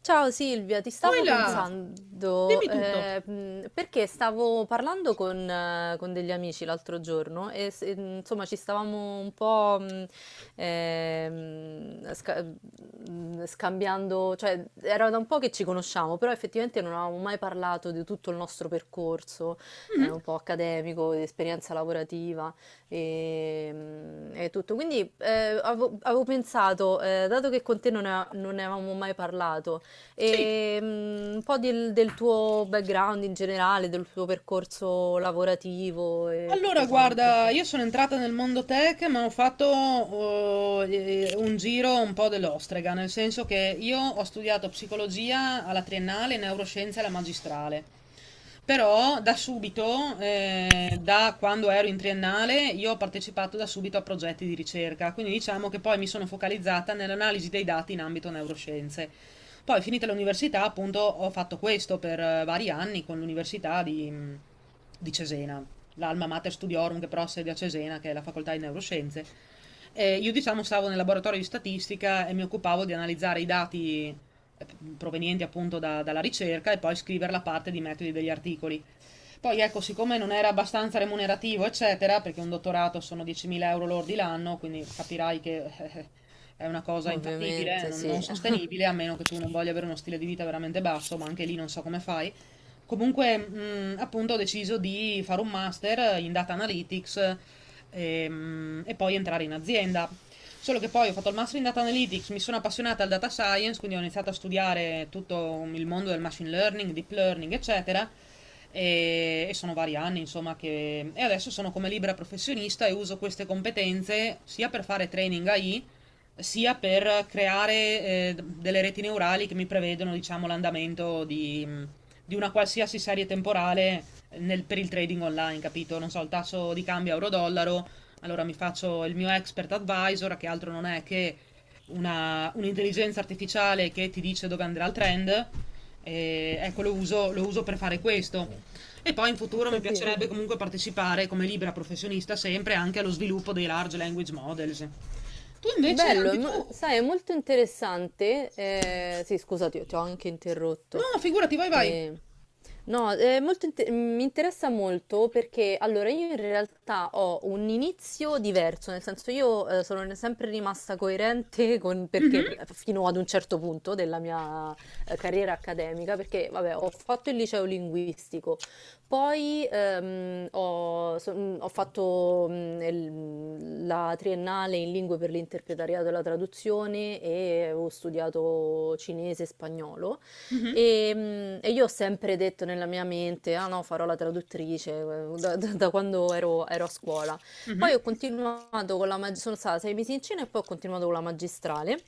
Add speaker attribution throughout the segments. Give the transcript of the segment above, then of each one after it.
Speaker 1: Ciao Silvia, ti stavo
Speaker 2: Oila, Pensa.
Speaker 1: pensando,
Speaker 2: Dimmi tutto.
Speaker 1: perché stavo parlando con degli amici l'altro giorno e insomma ci stavamo un po' scambiando. Cioè era da un po' che ci conosciamo, però effettivamente non avevamo mai parlato di tutto il nostro percorso, un
Speaker 2: Mhm.
Speaker 1: po' accademico, di esperienza lavorativa e tutto. Quindi avevo pensato, dato che con te non ne avevamo mai parlato,
Speaker 2: Sì.
Speaker 1: e un po' del tuo background in generale, del tuo percorso lavorativo e
Speaker 2: Allora,
Speaker 1: tutto quanto.
Speaker 2: guarda, io sono entrata nel mondo tech, ma ho fatto un giro un po' dell'ostrega, nel senso che io ho studiato psicologia alla triennale, e neuroscienze alla magistrale. Però da subito, da quando ero in triennale, io ho partecipato da subito a progetti di ricerca, quindi diciamo che poi mi sono focalizzata nell'analisi dei dati in ambito neuroscienze. Poi, finita l'università, appunto, ho fatto questo per vari anni con l'università di Cesena, l'Alma Mater Studiorum che però ha sede a Cesena, che è la facoltà di neuroscienze. E io diciamo stavo nel laboratorio di statistica e mi occupavo di analizzare i dati eh, provenienti appunto dalla ricerca e poi scrivere la parte di metodi degli articoli. Poi ecco, siccome non era abbastanza remunerativo, eccetera, perché un dottorato sono 10.000 euro lordi l'anno, quindi capirai che è una cosa infattibile,
Speaker 1: Ovviamente,
Speaker 2: non
Speaker 1: sì.
Speaker 2: sostenibile, a meno che tu non voglia avere uno stile di vita veramente basso, ma anche lì non so come fai. Comunque, appunto, ho deciso di fare un master in data analytics, e, poi entrare in azienda. Solo che poi ho fatto il master in data analytics, mi sono appassionata al data science, quindi ho iniziato a studiare tutto il mondo del machine learning, deep learning, eccetera. E sono vari anni, insomma, che... E adesso sono come libera professionista e uso queste competenze sia per fare training AI, sia per creare delle reti neurali che mi prevedono, diciamo, l'andamento di una qualsiasi serie temporale per il trading online, capito? Non so, il tasso di cambio euro-dollaro, allora mi faccio il mio expert advisor, che altro non è che un'intelligenza artificiale che ti dice dove andrà il trend. E ecco, lo uso per fare questo. E poi in
Speaker 1: Ho
Speaker 2: futuro mi
Speaker 1: capito.
Speaker 2: piacerebbe comunque partecipare come libera professionista sempre anche allo sviluppo dei large language models. Tu invece,
Speaker 1: Bello,
Speaker 2: anche tu...
Speaker 1: sai, è molto interessante. Eh, sì, scusati, ti ho anche
Speaker 2: No,
Speaker 1: interrotto.
Speaker 2: figurati, vai, vai.
Speaker 1: Eh, no, mi interessa molto, perché allora io in realtà ho un inizio diverso, nel senso io sono sempre rimasta coerente con, perché
Speaker 2: Mhm,
Speaker 1: fino ad un certo punto della mia carriera accademica, perché vabbè, ho fatto il liceo linguistico. Poi ho fatto la triennale in lingue per l'interpretariato e la traduzione e ho studiato cinese e spagnolo
Speaker 2: mhm,
Speaker 1: e io ho sempre detto nella mia mente, ah no, farò la traduttrice, da quando ero, a scuola.
Speaker 2: mhm,
Speaker 1: Poi ho continuato con la magistrale, sono stata 6 mesi in Cina e poi ho continuato con la magistrale.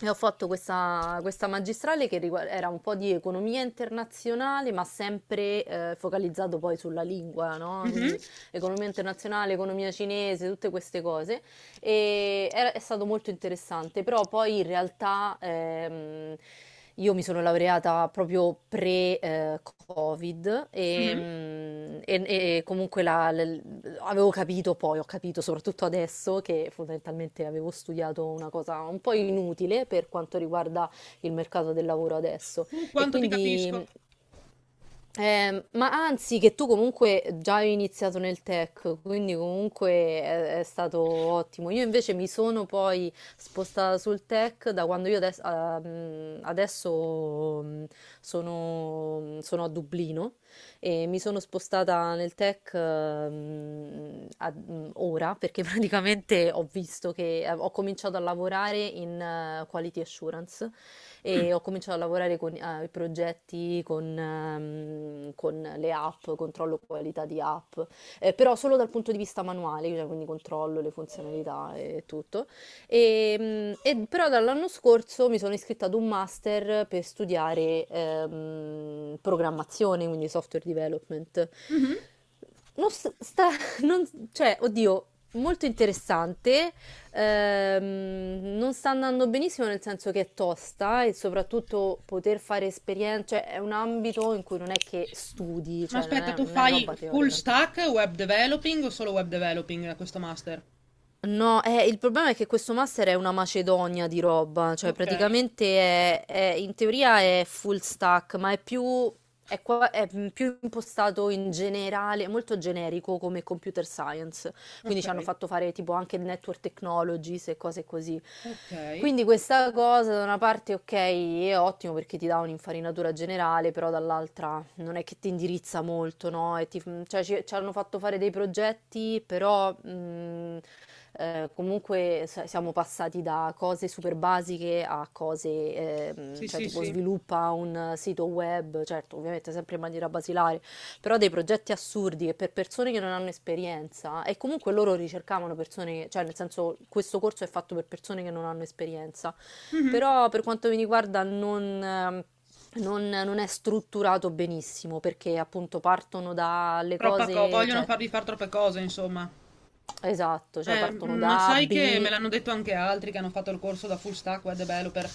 Speaker 1: E ho fatto questa magistrale era un po' di economia internazionale, ma sempre focalizzato poi sulla lingua, no?
Speaker 2: mhm,
Speaker 1: Quindi economia internazionale, economia cinese, tutte queste cose. È stato molto interessante, però poi in realtà io mi sono laureata proprio pre-Covid e,
Speaker 2: mhm.
Speaker 1: mm, e- e comunque ho capito soprattutto adesso che fondamentalmente avevo studiato una cosa un po' inutile per quanto riguarda il mercato del lavoro adesso.
Speaker 2: Tu
Speaker 1: E
Speaker 2: quanto ti capisco.
Speaker 1: quindi, ma anzi, che tu comunque già hai iniziato nel tech, quindi comunque è stato ottimo. Io invece mi sono poi spostata sul tech da quando io adesso sono a Dublino e mi sono spostata nel tech ora, perché praticamente ho visto che, ho cominciato a lavorare in quality assurance e ho cominciato a lavorare con i progetti, con le app, controllo qualità di app, però solo dal punto di vista manuale, cioè, quindi controllo le funzionalità e tutto. E però dall'anno scorso mi sono iscritta ad un master per studiare programmazione, quindi software development.
Speaker 2: Mhm.
Speaker 1: Non s- sta, cioè, oddio, molto interessante. Non sta andando benissimo, nel senso che è tosta e soprattutto poter fare esperienze, cioè è un ambito in cui non è che studi,
Speaker 2: Ma
Speaker 1: cioè non
Speaker 2: aspetta,
Speaker 1: è,
Speaker 2: tu
Speaker 1: non è
Speaker 2: fai
Speaker 1: roba
Speaker 2: full
Speaker 1: teorica.
Speaker 2: stack web developing o solo web developing a questo master?
Speaker 1: No, il problema è che questo master è una macedonia di roba, cioè
Speaker 2: Ok,
Speaker 1: praticamente in teoria è full stack, ma è più impostato in generale, molto generico, come computer science. Quindi ci hanno
Speaker 2: ok,
Speaker 1: fatto fare tipo anche network technologies e cose così.
Speaker 2: ok.
Speaker 1: Quindi questa cosa, da una parte ok è ottimo perché ti dà un'infarinatura generale, però dall'altra non è che ti indirizza molto, no? Cioè, ci hanno fatto fare dei progetti, però, comunque siamo passati da cose super basiche a cose,
Speaker 2: Sì,
Speaker 1: cioè
Speaker 2: sì,
Speaker 1: tipo
Speaker 2: sì.
Speaker 1: sviluppa un sito web, certo ovviamente sempre in maniera basilare, però dei progetti assurdi che, per persone che non hanno esperienza e comunque loro ricercavano persone, cioè, nel senso questo corso è fatto per persone che non hanno esperienza,
Speaker 2: Mhm.
Speaker 1: però per quanto mi riguarda non è strutturato benissimo, perché appunto partono dalle cose,
Speaker 2: Vogliono
Speaker 1: cioè
Speaker 2: farvi fare troppe cose, insomma.
Speaker 1: esatto, cioè partono
Speaker 2: Ma
Speaker 1: da A,
Speaker 2: sai che
Speaker 1: B,
Speaker 2: me l'hanno detto anche altri che hanno fatto il corso da full stack web developer.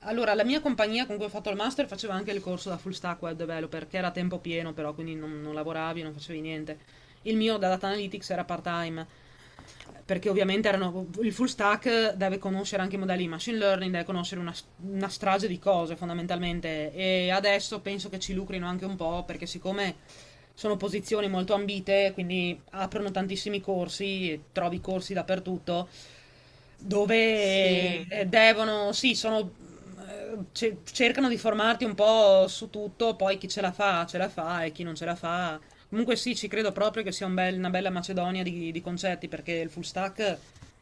Speaker 2: Allora, la mia compagnia con cui ho fatto il master faceva anche il corso da full stack web developer, che era a tempo pieno però, quindi non lavoravi, non facevi niente. Il mio da data analytics era part-time, perché ovviamente erano, il full stack deve conoscere anche i modelli di machine learning, deve conoscere una strage di cose fondamentalmente, e adesso penso che ci lucrino anche un po' perché siccome sono posizioni molto ambite, quindi aprono tantissimi corsi, trovi corsi dappertutto dove
Speaker 1: sì,
Speaker 2: devono, sì, sono cercano di formarti un po' su tutto, poi chi ce la fa e chi non ce la fa. Comunque sì, ci credo proprio che sia una bella macedonia di, concetti, perché il full stack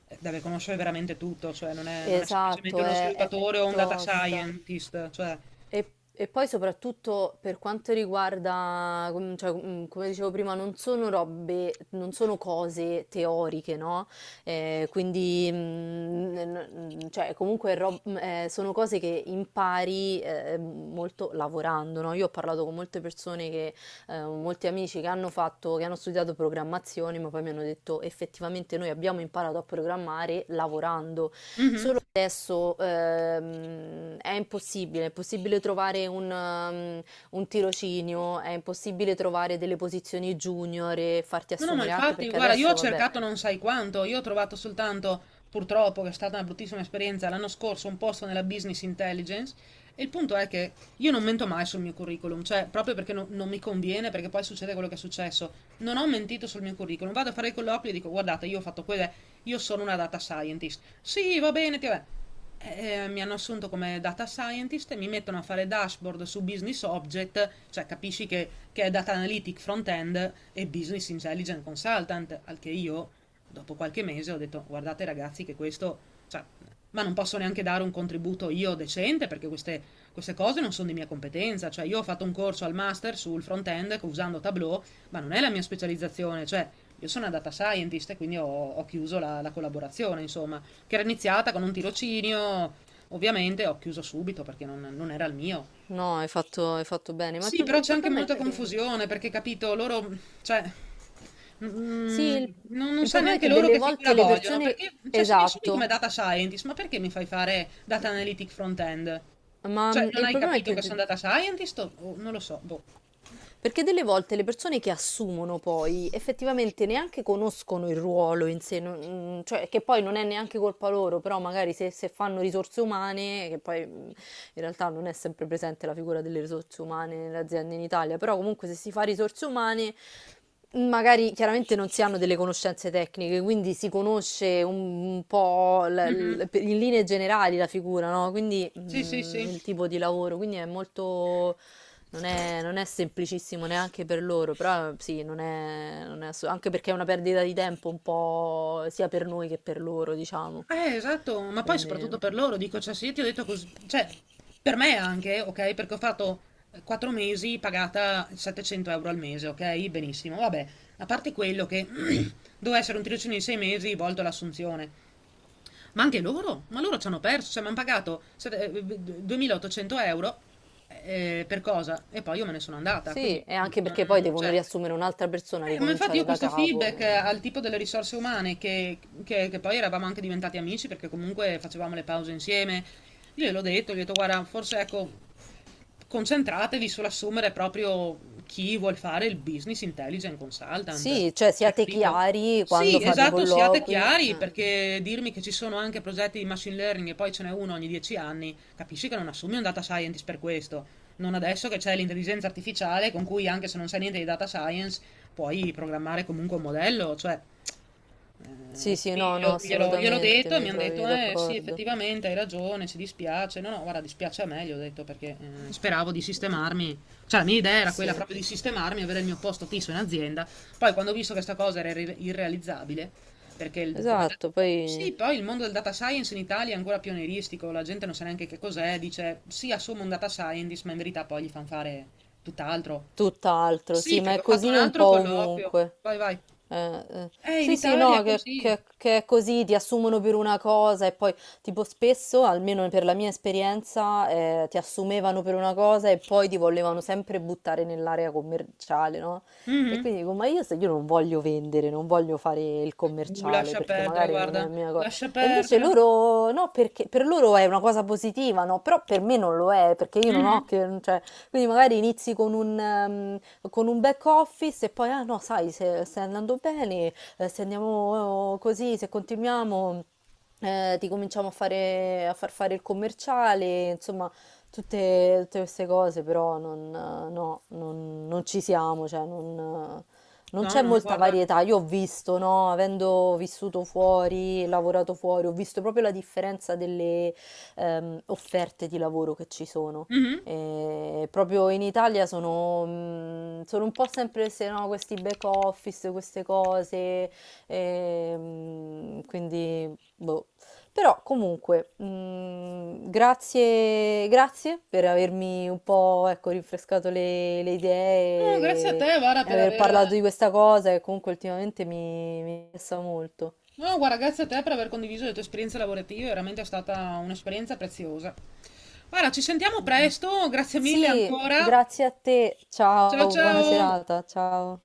Speaker 2: deve conoscere veramente tutto, cioè non è semplicemente
Speaker 1: esatto,
Speaker 2: uno
Speaker 1: è
Speaker 2: sviluppatore o un data
Speaker 1: tosta.
Speaker 2: scientist, cioè...
Speaker 1: E, e poi soprattutto per quanto riguarda, come dicevo prima, non sono robe, non sono cose teoriche, no? Quindi, cioè, comunque, sono cose che impari molto lavorando, no? Io ho parlato con molte persone, molti amici che hanno studiato programmazione, ma poi mi hanno detto effettivamente noi abbiamo imparato a programmare lavorando.
Speaker 2: Mhm.
Speaker 1: Adesso, è impossibile trovare un tirocinio, è impossibile trovare delle posizioni junior e farti
Speaker 2: No, no, ma
Speaker 1: assumere, anche
Speaker 2: infatti,
Speaker 1: perché
Speaker 2: guarda, io ho
Speaker 1: adesso, vabbè.
Speaker 2: cercato non sai quanto, io ho trovato soltanto, purtroppo, che è stata una bruttissima esperienza, l'anno scorso un posto nella business intelligence, e il punto è che io non mento mai sul mio curriculum, cioè proprio perché non mi conviene, perché poi succede quello che è successo. Non ho mentito sul mio curriculum, vado a fare i colloqui e dico, guardate, io ho fatto quelle, io sono una data scientist. Sì, va bene, ti vabbè. Mi hanno assunto come data scientist e mi mettono a fare dashboard su business object, cioè capisci che, è data analytic front end e business intelligence consultant, al che io dopo qualche mese ho detto guardate ragazzi che questo, cioè, ma non posso neanche dare un contributo io decente perché queste cose non sono di mia competenza, cioè io ho fatto un corso al master sul front end usando Tableau, ma non è la mia specializzazione, cioè io sono una data scientist e quindi ho chiuso la collaborazione, insomma, che era iniziata con un tirocinio. Ovviamente ho chiuso subito perché non era il mio.
Speaker 1: No, hai fatto bene, ma il,
Speaker 2: Sì,
Speaker 1: pro-
Speaker 2: però
Speaker 1: il
Speaker 2: c'è anche
Speaker 1: problema è
Speaker 2: molta
Speaker 1: che.
Speaker 2: confusione perché, capito, loro, cioè, mm,
Speaker 1: Sì,
Speaker 2: mm,
Speaker 1: il,
Speaker 2: non
Speaker 1: il
Speaker 2: sa
Speaker 1: problema è
Speaker 2: neanche
Speaker 1: che
Speaker 2: loro
Speaker 1: delle
Speaker 2: che
Speaker 1: volte
Speaker 2: figura
Speaker 1: le
Speaker 2: vogliono.
Speaker 1: persone.
Speaker 2: Perché, cioè, se mi assumi come
Speaker 1: Esatto,
Speaker 2: data scientist, ma perché mi fai fare data analytic front-end?
Speaker 1: ma,
Speaker 2: Cioè, non
Speaker 1: il
Speaker 2: hai
Speaker 1: problema è
Speaker 2: capito
Speaker 1: che
Speaker 2: che sono data scientist? O non lo so, boh.
Speaker 1: perché delle volte le persone che assumono poi effettivamente neanche conoscono il ruolo in sé, cioè, che poi non è neanche colpa loro, però magari se fanno risorse umane, che poi, in realtà non è sempre presente la figura delle risorse umane nelle aziende in Italia, però comunque se si fa risorse umane magari chiaramente non si hanno delle conoscenze tecniche, quindi si conosce un po'
Speaker 2: Mhm.
Speaker 1: in linee generali la figura, no? Quindi,
Speaker 2: Sì, sì, sì.
Speaker 1: il tipo di lavoro, quindi è molto, non è semplicissimo neanche per loro, però sì, non è. Anche perché è una perdita di tempo un po' sia per noi che per loro, diciamo.
Speaker 2: Esatto, ma poi soprattutto
Speaker 1: Quindi
Speaker 2: per loro, dico, cioè, se io ti ho detto così, cioè, per me anche, ok, perché ho fatto 4 mesi pagata 700 euro al mese, ok, benissimo, vabbè, a parte quello che doveva essere un tirocinio di 6 mesi volto all'assunzione, ma anche loro? Ma loro ci hanno perso, cioè mi hanno pagato 2800 euro per cosa? E poi io me ne sono andata,
Speaker 1: sì,
Speaker 2: quindi
Speaker 1: e anche
Speaker 2: non,
Speaker 1: perché poi devono
Speaker 2: cioè,
Speaker 1: riassumere un'altra persona,
Speaker 2: ma infatti io
Speaker 1: ricominciare da
Speaker 2: questo
Speaker 1: capo.
Speaker 2: feedback
Speaker 1: Eh.
Speaker 2: al tipo delle risorse umane, che, che poi eravamo anche diventati amici perché comunque facevamo le pause insieme, io gliel'ho detto, gli ho detto guarda, forse ecco, concentratevi sull'assumere proprio chi vuol fare il business intelligent consultant,
Speaker 1: Sì, cioè
Speaker 2: cioè
Speaker 1: siate
Speaker 2: capito?
Speaker 1: chiari quando
Speaker 2: Sì,
Speaker 1: fate i
Speaker 2: esatto, siate
Speaker 1: colloqui.
Speaker 2: chiari,
Speaker 1: Eh.
Speaker 2: perché dirmi che ci sono anche progetti di machine learning e poi ce n'è uno ogni 10 anni, capisci che non assumi un data scientist per questo. Non adesso che c'è l'intelligenza artificiale con cui anche se non sai niente di data science puoi programmare comunque un modello, cioè
Speaker 1: Sì,
Speaker 2: e
Speaker 1: sì,
Speaker 2: quindi
Speaker 1: no, no,
Speaker 2: gliel'ho
Speaker 1: assolutamente,
Speaker 2: detto e
Speaker 1: mi
Speaker 2: mi hanno detto,
Speaker 1: trovi
Speaker 2: eh sì,
Speaker 1: d'accordo.
Speaker 2: effettivamente hai ragione, ci dispiace. No, no, guarda, dispiace a me, gli ho detto, perché speravo di sistemarmi. Cioè, la mia idea era quella
Speaker 1: Sì,
Speaker 2: proprio di sistemarmi, avere il mio posto fisso in azienda. Poi, quando ho visto che questa cosa era irrealizzabile, perché
Speaker 1: esatto, poi.
Speaker 2: Sì, poi il mondo del data science in Italia è ancora pionieristico, la gente non sa neanche che cos'è, dice, sì, assumo un data scientist, ma in verità poi gli fanno fare tutt'altro.
Speaker 1: Tutt'altro,
Speaker 2: Sì,
Speaker 1: sì, ma
Speaker 2: perché
Speaker 1: è
Speaker 2: ho fatto un
Speaker 1: così un
Speaker 2: altro
Speaker 1: po'
Speaker 2: colloquio.
Speaker 1: ovunque.
Speaker 2: Vai, vai.
Speaker 1: Eh.
Speaker 2: In
Speaker 1: Sì, sì,
Speaker 2: Italia
Speaker 1: no,
Speaker 2: è
Speaker 1: che,
Speaker 2: così.
Speaker 1: che- che è così, ti assumono per una cosa e poi, tipo, spesso, almeno per la mia esperienza, ti assumevano per una cosa e poi ti volevano sempre buttare nell'area commerciale, no? E
Speaker 2: Mhm.
Speaker 1: quindi dico, ma io, se io non voglio vendere, non voglio fare il commerciale
Speaker 2: Lascia
Speaker 1: perché
Speaker 2: perdere,
Speaker 1: magari non
Speaker 2: guarda,
Speaker 1: è mia cosa.
Speaker 2: lascia
Speaker 1: E invece
Speaker 2: perdere.
Speaker 1: loro, no, perché per loro è una cosa positiva, no? Però per me non lo è, perché io non ho
Speaker 2: Mhm.
Speaker 1: che, cioè, quindi magari inizi con un back office, e poi, ah no, sai, se stai andando bene, se andiamo, così, se continuiamo, ti cominciamo a fare, a far fare il commerciale, insomma, tutte queste cose, però non, no, non ci siamo, cioè non. Non
Speaker 2: No,
Speaker 1: c'è
Speaker 2: no,
Speaker 1: molta
Speaker 2: guarda.
Speaker 1: varietà, io ho visto, no? Avendo vissuto fuori, lavorato fuori, ho visto proprio la differenza delle, offerte di lavoro che ci sono.
Speaker 2: Mhm.
Speaker 1: E proprio in Italia sono, sono un po' sempre, se no, questi back office, queste cose, e, quindi boh. Però comunque, grazie, grazie per avermi un po', ecco, rinfrescato le
Speaker 2: No, grazie a
Speaker 1: idee
Speaker 2: te,
Speaker 1: e,
Speaker 2: Vara,
Speaker 1: e
Speaker 2: per
Speaker 1: aver
Speaker 2: aver...
Speaker 1: parlato di questa cosa che comunque ultimamente mi interessa molto.
Speaker 2: No, guarda, grazie a te per aver condiviso le tue esperienze lavorative, veramente è stata un'esperienza preziosa. Guarda, ci sentiamo presto, grazie mille
Speaker 1: Sì,
Speaker 2: ancora.
Speaker 1: grazie a te,
Speaker 2: Ciao
Speaker 1: ciao,
Speaker 2: ciao.
Speaker 1: buona serata, ciao.